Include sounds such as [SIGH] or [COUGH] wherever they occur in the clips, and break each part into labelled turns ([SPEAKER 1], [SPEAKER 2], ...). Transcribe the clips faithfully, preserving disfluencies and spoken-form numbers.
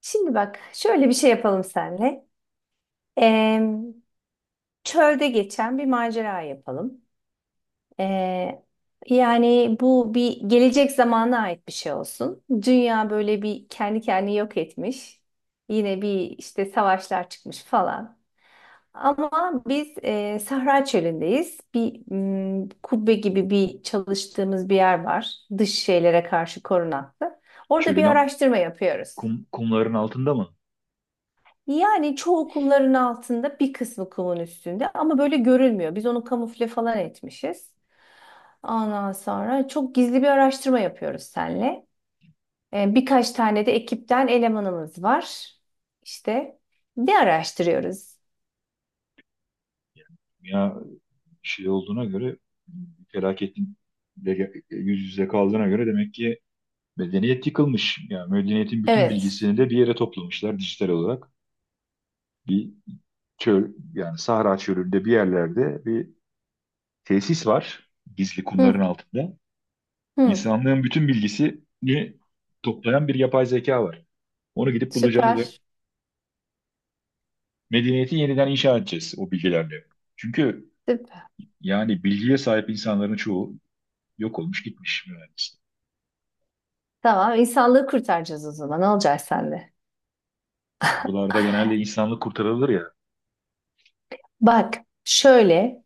[SPEAKER 1] Şimdi bak şöyle bir şey yapalım senle. Eee, Çölde geçen bir macera yapalım. Eee, Yani bu bir gelecek zamana ait bir şey olsun. Dünya böyle bir kendi kendini yok etmiş. Yine bir işte savaşlar çıkmış falan. Ama biz eee, Sahra Çölü'ndeyiz. Bir mm, kubbe gibi bir çalıştığımız bir yer var. Dış şeylere karşı korunaklı. Orada
[SPEAKER 2] Çölün
[SPEAKER 1] bir
[SPEAKER 2] a-
[SPEAKER 1] araştırma yapıyoruz.
[SPEAKER 2] kum, kumların altında mı?
[SPEAKER 1] Yani çoğu kumların altında bir kısmı kumun üstünde ama böyle görülmüyor. Biz onu kamufle falan etmişiz. Ondan sonra çok gizli bir araştırma yapıyoruz seninle. Ee, birkaç tane de ekipten elemanımız var. İşte ne araştırıyoruz?
[SPEAKER 2] Ya şey olduğuna göre felaketin de ge- yüz yüze kaldığına göre demek ki medeniyet yıkılmış. Yani medeniyetin bütün
[SPEAKER 1] Evet.
[SPEAKER 2] bilgisini de bir yere toplamışlar dijital olarak. Bir çöl, yani Sahra çölünde bir yerlerde bir tesis var, gizli, kumların
[SPEAKER 1] Hı,
[SPEAKER 2] altında.
[SPEAKER 1] hı.
[SPEAKER 2] İnsanlığın bütün bilgisini toplayan bir yapay zeka var. Onu gidip bulacağız ve
[SPEAKER 1] Süper.
[SPEAKER 2] medeniyeti yeniden inşa edeceğiz o bilgilerle. Çünkü
[SPEAKER 1] Süper.
[SPEAKER 2] yani bilgiye sahip insanların çoğu yok olmuş, gitmiş mühendislik.
[SPEAKER 1] Tamam, insanlığı kurtaracağız o zaman. Ne olacak sende?
[SPEAKER 2] Kurullarda genelde insanlık kurtarılır ya.
[SPEAKER 1] Bak şöyle.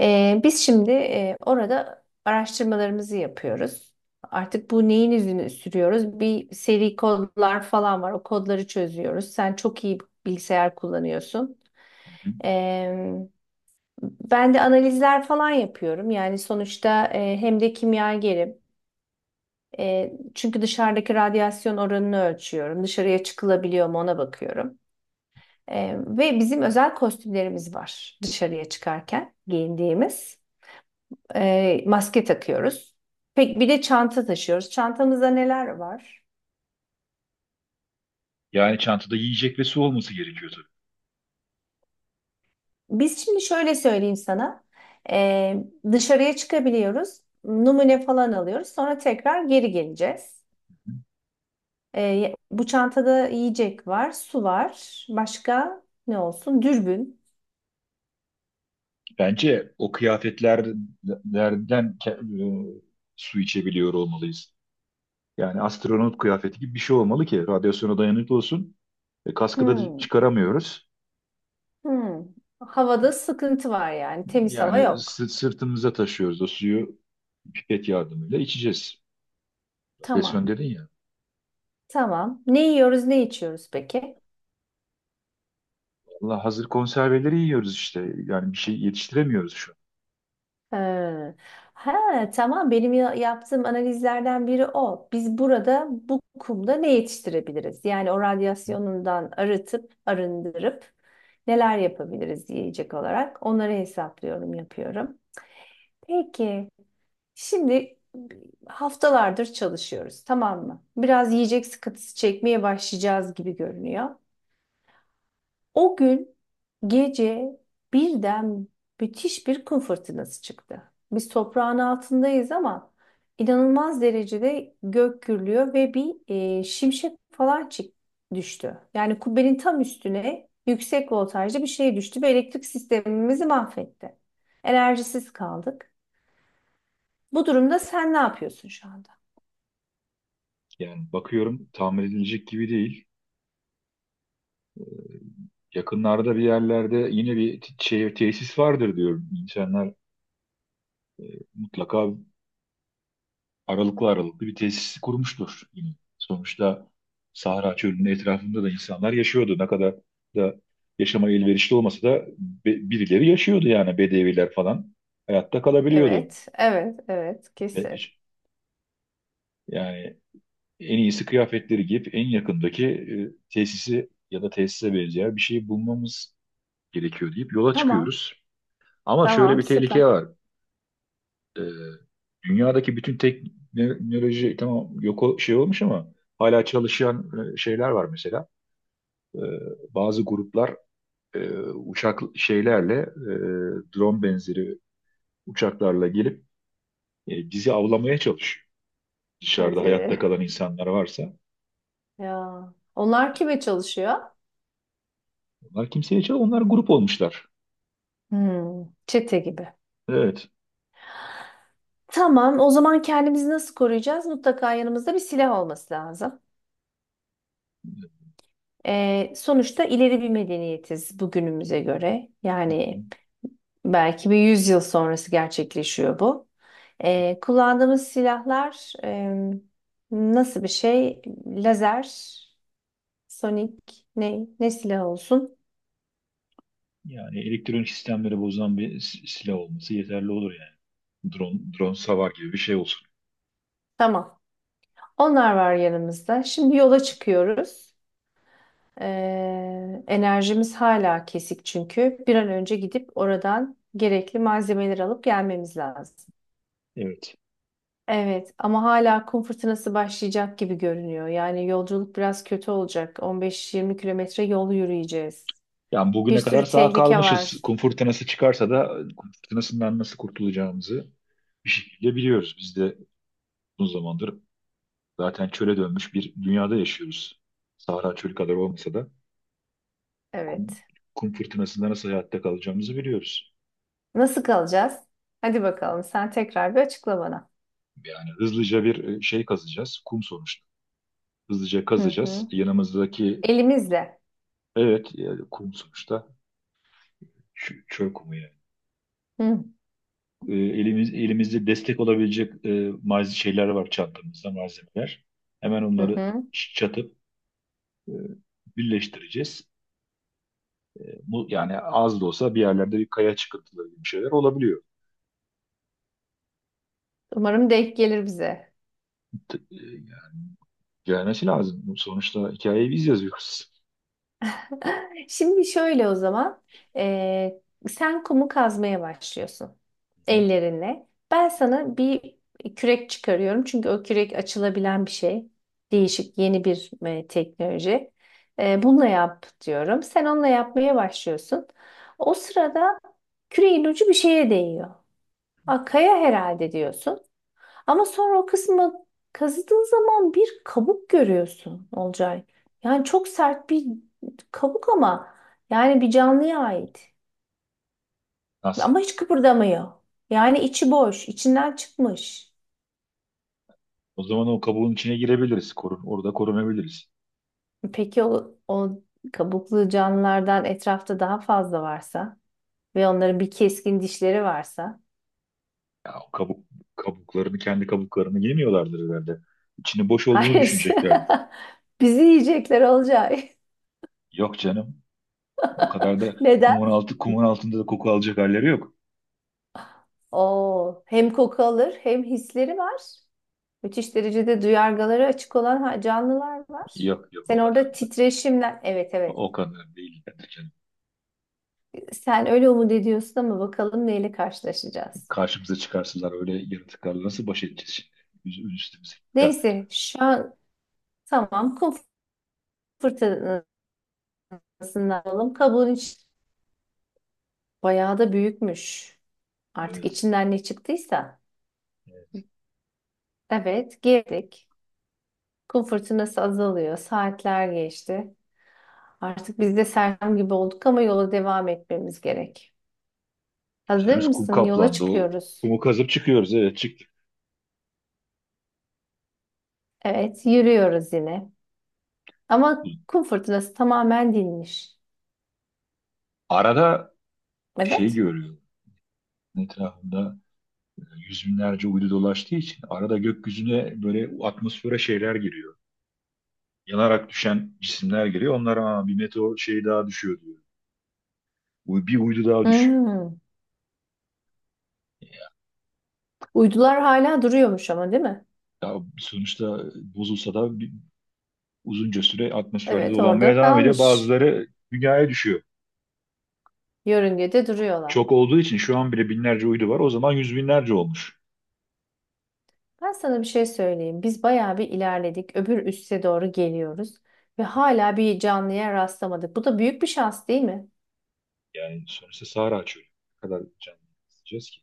[SPEAKER 1] Ee, biz şimdi e, orada araştırmalarımızı yapıyoruz. Artık bu neyin izini sürüyoruz? Bir seri kodlar falan var. O kodları çözüyoruz. Sen çok iyi bilgisayar kullanıyorsun.
[SPEAKER 2] Hı hı.
[SPEAKER 1] Ee, Ben de analizler falan yapıyorum. Yani sonuçta e, hem de kimyagerim. E, çünkü dışarıdaki radyasyon oranını ölçüyorum. Dışarıya çıkılabiliyor mu ona bakıyorum. E, ve bizim özel kostümlerimiz var dışarıya çıkarken giyindiğimiz. E, maske takıyoruz. Pek bir de çanta taşıyoruz. Çantamızda neler var?
[SPEAKER 2] Yani çantada yiyecek ve su olması gerekiyor tabii.
[SPEAKER 1] Biz şimdi şöyle söyleyeyim sana. E, Dışarıya çıkabiliyoruz. Numune falan alıyoruz. Sonra tekrar geri geleceğiz. E, bu çantada yiyecek var, su var. Başka ne olsun? Dürbün.
[SPEAKER 2] Bence o kıyafetlerden ke- e, su içebiliyor olmalıyız. Yani astronot kıyafeti gibi bir şey olmalı ki radyasyona dayanıklı olsun. E, kaskı da
[SPEAKER 1] Hmm,
[SPEAKER 2] çıkaramıyoruz.
[SPEAKER 1] hmm. Havada sıkıntı var yani. Temiz hava
[SPEAKER 2] Yani
[SPEAKER 1] yok.
[SPEAKER 2] sı- sırtımıza taşıyoruz o suyu, pipet yardımıyla içeceğiz. Radyasyon
[SPEAKER 1] Tamam.
[SPEAKER 2] dedin ya.
[SPEAKER 1] Tamam. Ne yiyoruz, ne içiyoruz peki?
[SPEAKER 2] Vallahi hazır konserveleri yiyoruz işte. Yani bir şey yetiştiremiyoruz şu an.
[SPEAKER 1] Ha, ha, tamam benim ya- yaptığım analizlerden biri o. Biz burada bu kumda ne yetiştirebiliriz? Yani o radyasyonundan arıtıp arındırıp neler yapabiliriz yiyecek olarak onları hesaplıyorum, yapıyorum. Peki şimdi haftalardır çalışıyoruz, tamam mı? Biraz yiyecek sıkıntısı çekmeye başlayacağız gibi görünüyor. O gün gece birden müthiş bir kum fırtınası çıktı. Biz toprağın altındayız ama inanılmaz derecede gök gürlüyor ve bir e, şimşek falan çık düştü. Yani kubbenin tam üstüne yüksek voltajlı bir şey düştü ve elektrik sistemimizi mahvetti. Enerjisiz kaldık. Bu durumda sen ne yapıyorsun şu anda?
[SPEAKER 2] Yani bakıyorum, tamir edilecek gibi değil. Yakınlarda bir yerlerde yine bir t- şey, tesis vardır diyorum. İnsanlar mutlaka aralıklı aralıklı bir tesis kurmuştur yine. Sonuçta Sahra Çölü'nün etrafında da insanlar yaşıyordu. Ne kadar da yaşama elverişli olmasa da be- birileri yaşıyordu, yani bedeviler falan. Hayatta kalabiliyordu.
[SPEAKER 1] Evet, evet, evet,
[SPEAKER 2] E,
[SPEAKER 1] kesin.
[SPEAKER 2] Yani en iyisi kıyafetleri giyip en yakındaki e, tesisi ya da tesise benzeyen bir şeyi bulmamız gerekiyor deyip yola
[SPEAKER 1] Tamam,
[SPEAKER 2] çıkıyoruz. Ama şöyle
[SPEAKER 1] tamam,
[SPEAKER 2] bir
[SPEAKER 1] süper.
[SPEAKER 2] tehlike var. Ee, Dünyadaki bütün teknoloji, tamam, yok o- şey olmuş ama hala çalışan e, şeyler var mesela. Ee, Bazı gruplar e, uçak şeylerle e, drone benzeri uçaklarla gelip e, bizi avlamaya çalışıyor. Dışarıda
[SPEAKER 1] Hadi.
[SPEAKER 2] hayatta kalan insanlar varsa
[SPEAKER 1] Ya, onlar kime çalışıyor?
[SPEAKER 2] onlar kimseye çal onlar grup olmuşlar.
[SPEAKER 1] Hmm, çete gibi.
[SPEAKER 2] Evet.
[SPEAKER 1] Tamam, o zaman kendimizi nasıl koruyacağız? Mutlaka yanımızda bir silah olması lazım. Ee, sonuçta ileri bir medeniyetiz bugünümüze göre. Yani belki bir yüz yıl sonrası gerçekleşiyor bu. Ee, kullandığımız silahlar e, nasıl bir şey? Lazer, sonik, ne, ne silah olsun?
[SPEAKER 2] Yani elektronik sistemleri bozan bir s- silah olması yeterli olur yani. Drone, drone savar gibi bir şey olsun.
[SPEAKER 1] Tamam. Onlar var yanımızda. Şimdi yola çıkıyoruz. Ee, enerjimiz hala kesik çünkü. Bir an önce gidip oradan gerekli malzemeleri alıp gelmemiz lazım.
[SPEAKER 2] Evet.
[SPEAKER 1] Evet ama hala kum fırtınası başlayacak gibi görünüyor. Yani yolculuk biraz kötü olacak. on beş yirmi kilometre yol yürüyeceğiz.
[SPEAKER 2] Yani
[SPEAKER 1] Bir
[SPEAKER 2] bugüne kadar
[SPEAKER 1] sürü
[SPEAKER 2] sağ
[SPEAKER 1] tehlike
[SPEAKER 2] kalmışız.
[SPEAKER 1] var.
[SPEAKER 2] Kum fırtınası çıkarsa da kum fırtınasından nasıl kurtulacağımızı bir şekilde biliyoruz. Biz de uzun zamandır zaten çöle dönmüş bir dünyada yaşıyoruz. Sahra çölü kadar olmasa da kum,
[SPEAKER 1] Evet.
[SPEAKER 2] kum fırtınasında nasıl hayatta kalacağımızı biliyoruz.
[SPEAKER 1] Nasıl kalacağız? Hadi bakalım sen tekrar bir açıkla bana.
[SPEAKER 2] Yani hızlıca bir e, şey kazacağız. Kum sonuçta. Hızlıca
[SPEAKER 1] Hı
[SPEAKER 2] kazacağız.
[SPEAKER 1] hı.
[SPEAKER 2] Yanımızdaki,
[SPEAKER 1] Elimizle.
[SPEAKER 2] evet, yani kum sonuçta. Ç- Çöl kumu yani.
[SPEAKER 1] Hı
[SPEAKER 2] E, elimiz, elimizde destek olabilecek e, malzeme şeyler var, çantamızda malzemeler. Hemen
[SPEAKER 1] hı.
[SPEAKER 2] onları
[SPEAKER 1] Hı.
[SPEAKER 2] çatıp e, birleştireceğiz. E, bu yani az da olsa bir yerlerde bir kaya çıkıntıları gibi şeyler olabiliyor.
[SPEAKER 1] Umarım denk gelir bize.
[SPEAKER 2] T- e, Gelmesi lazım. Bu, sonuçta hikayeyi biz yazıyoruz.
[SPEAKER 1] [LAUGHS] Şimdi şöyle o zaman. Ee, Sen kumu kazmaya başlıyorsun ellerinle. Ben sana bir kürek çıkarıyorum. Çünkü o kürek açılabilen bir şey. Değişik yeni bir e, teknoloji. Ee, bununla yap diyorum. Sen onunla yapmaya başlıyorsun. O sırada küreğin ucu bir şeye değiyor. Aa, kaya herhalde diyorsun. Ama sonra o kısmı kazıdığın zaman bir kabuk görüyorsun Olcay. Yani çok sert bir kabuk ama yani bir canlıya ait.
[SPEAKER 2] Nasıl?
[SPEAKER 1] Ama hiç kıpırdamıyor. Yani içi boş, içinden çıkmış.
[SPEAKER 2] O zaman o kabuğun içine girebiliriz. Korun, orada korunabiliriz.
[SPEAKER 1] Peki o, o kabuklu canlılardan etrafta daha fazla varsa ve onların bir keskin dişleri varsa?
[SPEAKER 2] Ya o kabuk, kabuklarını, kendi kabuklarını yemiyorlardır herhalde. İçinin boş olduğunu
[SPEAKER 1] Hayır.
[SPEAKER 2] düşünecekler.
[SPEAKER 1] [LAUGHS] Bizi yiyecekler Olcay.
[SPEAKER 2] Yok canım. O kadar da
[SPEAKER 1] [LAUGHS] Neden?
[SPEAKER 2] kumun altı kumun altında da koku alacak halleri yok.
[SPEAKER 1] Oo, hem koku alır hem hisleri var. Müthiş derecede duyargaları açık olan ha- canlılar var.
[SPEAKER 2] Yok yok, o
[SPEAKER 1] Sen
[SPEAKER 2] kadar
[SPEAKER 1] orada
[SPEAKER 2] da.
[SPEAKER 1] titreşimden, evet evet,
[SPEAKER 2] O kadar değil. Yani canım.
[SPEAKER 1] sen öyle umut ediyorsun ama bakalım neyle karşılaşacağız.
[SPEAKER 2] Karşımıza çıkarsalar öyle yaratıklarla nasıl baş edeceğiz şimdi? Üz- Üstümüze geldik.
[SPEAKER 1] Neyse şu an tamam, kum fırtınasından alalım. Kabuğun iç bayağı da büyükmüş. Artık
[SPEAKER 2] Evet,
[SPEAKER 1] içinden ne çıktıysa.
[SPEAKER 2] evet.
[SPEAKER 1] Evet, girdik. Kum fırtınası azalıyor. Saatler geçti. Artık biz de sersem gibi olduk ama yola devam etmemiz gerek. Hazır
[SPEAKER 2] Üstümüz kum
[SPEAKER 1] mısın? Yola
[SPEAKER 2] kaplandı. O
[SPEAKER 1] çıkıyoruz.
[SPEAKER 2] kumu kazıp çıkıyoruz. Evet, çıktık.
[SPEAKER 1] Evet, yürüyoruz yine. Ama kum fırtınası tamamen dinmiş.
[SPEAKER 2] Arada şey
[SPEAKER 1] Evet.
[SPEAKER 2] görüyorum. Etrafında yüz binlerce uydu dolaştığı için arada gökyüzüne, böyle atmosfere şeyler giriyor. Yanarak düşen cisimler giriyor. Onlara "Aa, bir meteor şeyi daha düşüyor" diyor. Uy- Bir uydu daha düşüyor.
[SPEAKER 1] Hmm. Uydular hala duruyormuş ama, değil mi?
[SPEAKER 2] Ya sonuçta bozulsa da bir- uzunca süre atmosferde
[SPEAKER 1] Evet, orada
[SPEAKER 2] dolanmaya devam ediyor.
[SPEAKER 1] kalmış.
[SPEAKER 2] Bazıları dünyaya düşüyor.
[SPEAKER 1] Yörüngede duruyorlar.
[SPEAKER 2] Çok olduğu için şu an bile binlerce uydu var. O zaman yüz binlerce olmuş.
[SPEAKER 1] Ben sana bir şey söyleyeyim. Biz bayağı bir ilerledik. Öbür üste doğru geliyoruz. Ve hala bir canlıya rastlamadık. Bu da büyük bir şans, değil mi?
[SPEAKER 2] Yani sonuçta Sahra çölü. Ne kadar canlı isteyeceğiz ki?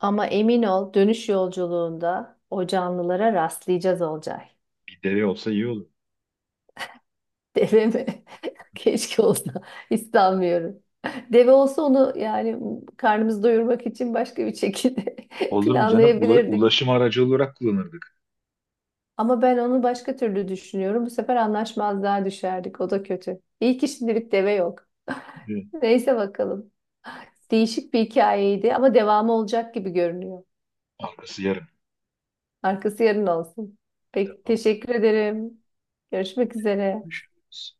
[SPEAKER 1] Ama emin ol, dönüş yolculuğunda o canlılara rastlayacağız Olcay.
[SPEAKER 2] Bir deve olsa iyi olur.
[SPEAKER 1] Deve mi? [LAUGHS] Keşke olsa. İstemiyorum. Deve olsa onu yani karnımızı doyurmak için başka bir şekilde [LAUGHS]
[SPEAKER 2] Olur mu canım? Ula-
[SPEAKER 1] planlayabilirdik.
[SPEAKER 2] ulaşım aracı olarak kullanırdık.
[SPEAKER 1] Ama ben onu başka türlü düşünüyorum. Bu sefer anlaşmazlığa düşerdik. O da kötü. İyi ki şimdilik deve yok.
[SPEAKER 2] Evet.
[SPEAKER 1] [LAUGHS] Neyse bakalım. Değişik bir hikayeydi ama devamı olacak gibi görünüyor.
[SPEAKER 2] Arkası yarım.
[SPEAKER 1] Arkası yarın olsun. Peki,
[SPEAKER 2] Tamam.
[SPEAKER 1] teşekkür ederim. Görüşmek üzere.
[SPEAKER 2] Düşünürüz.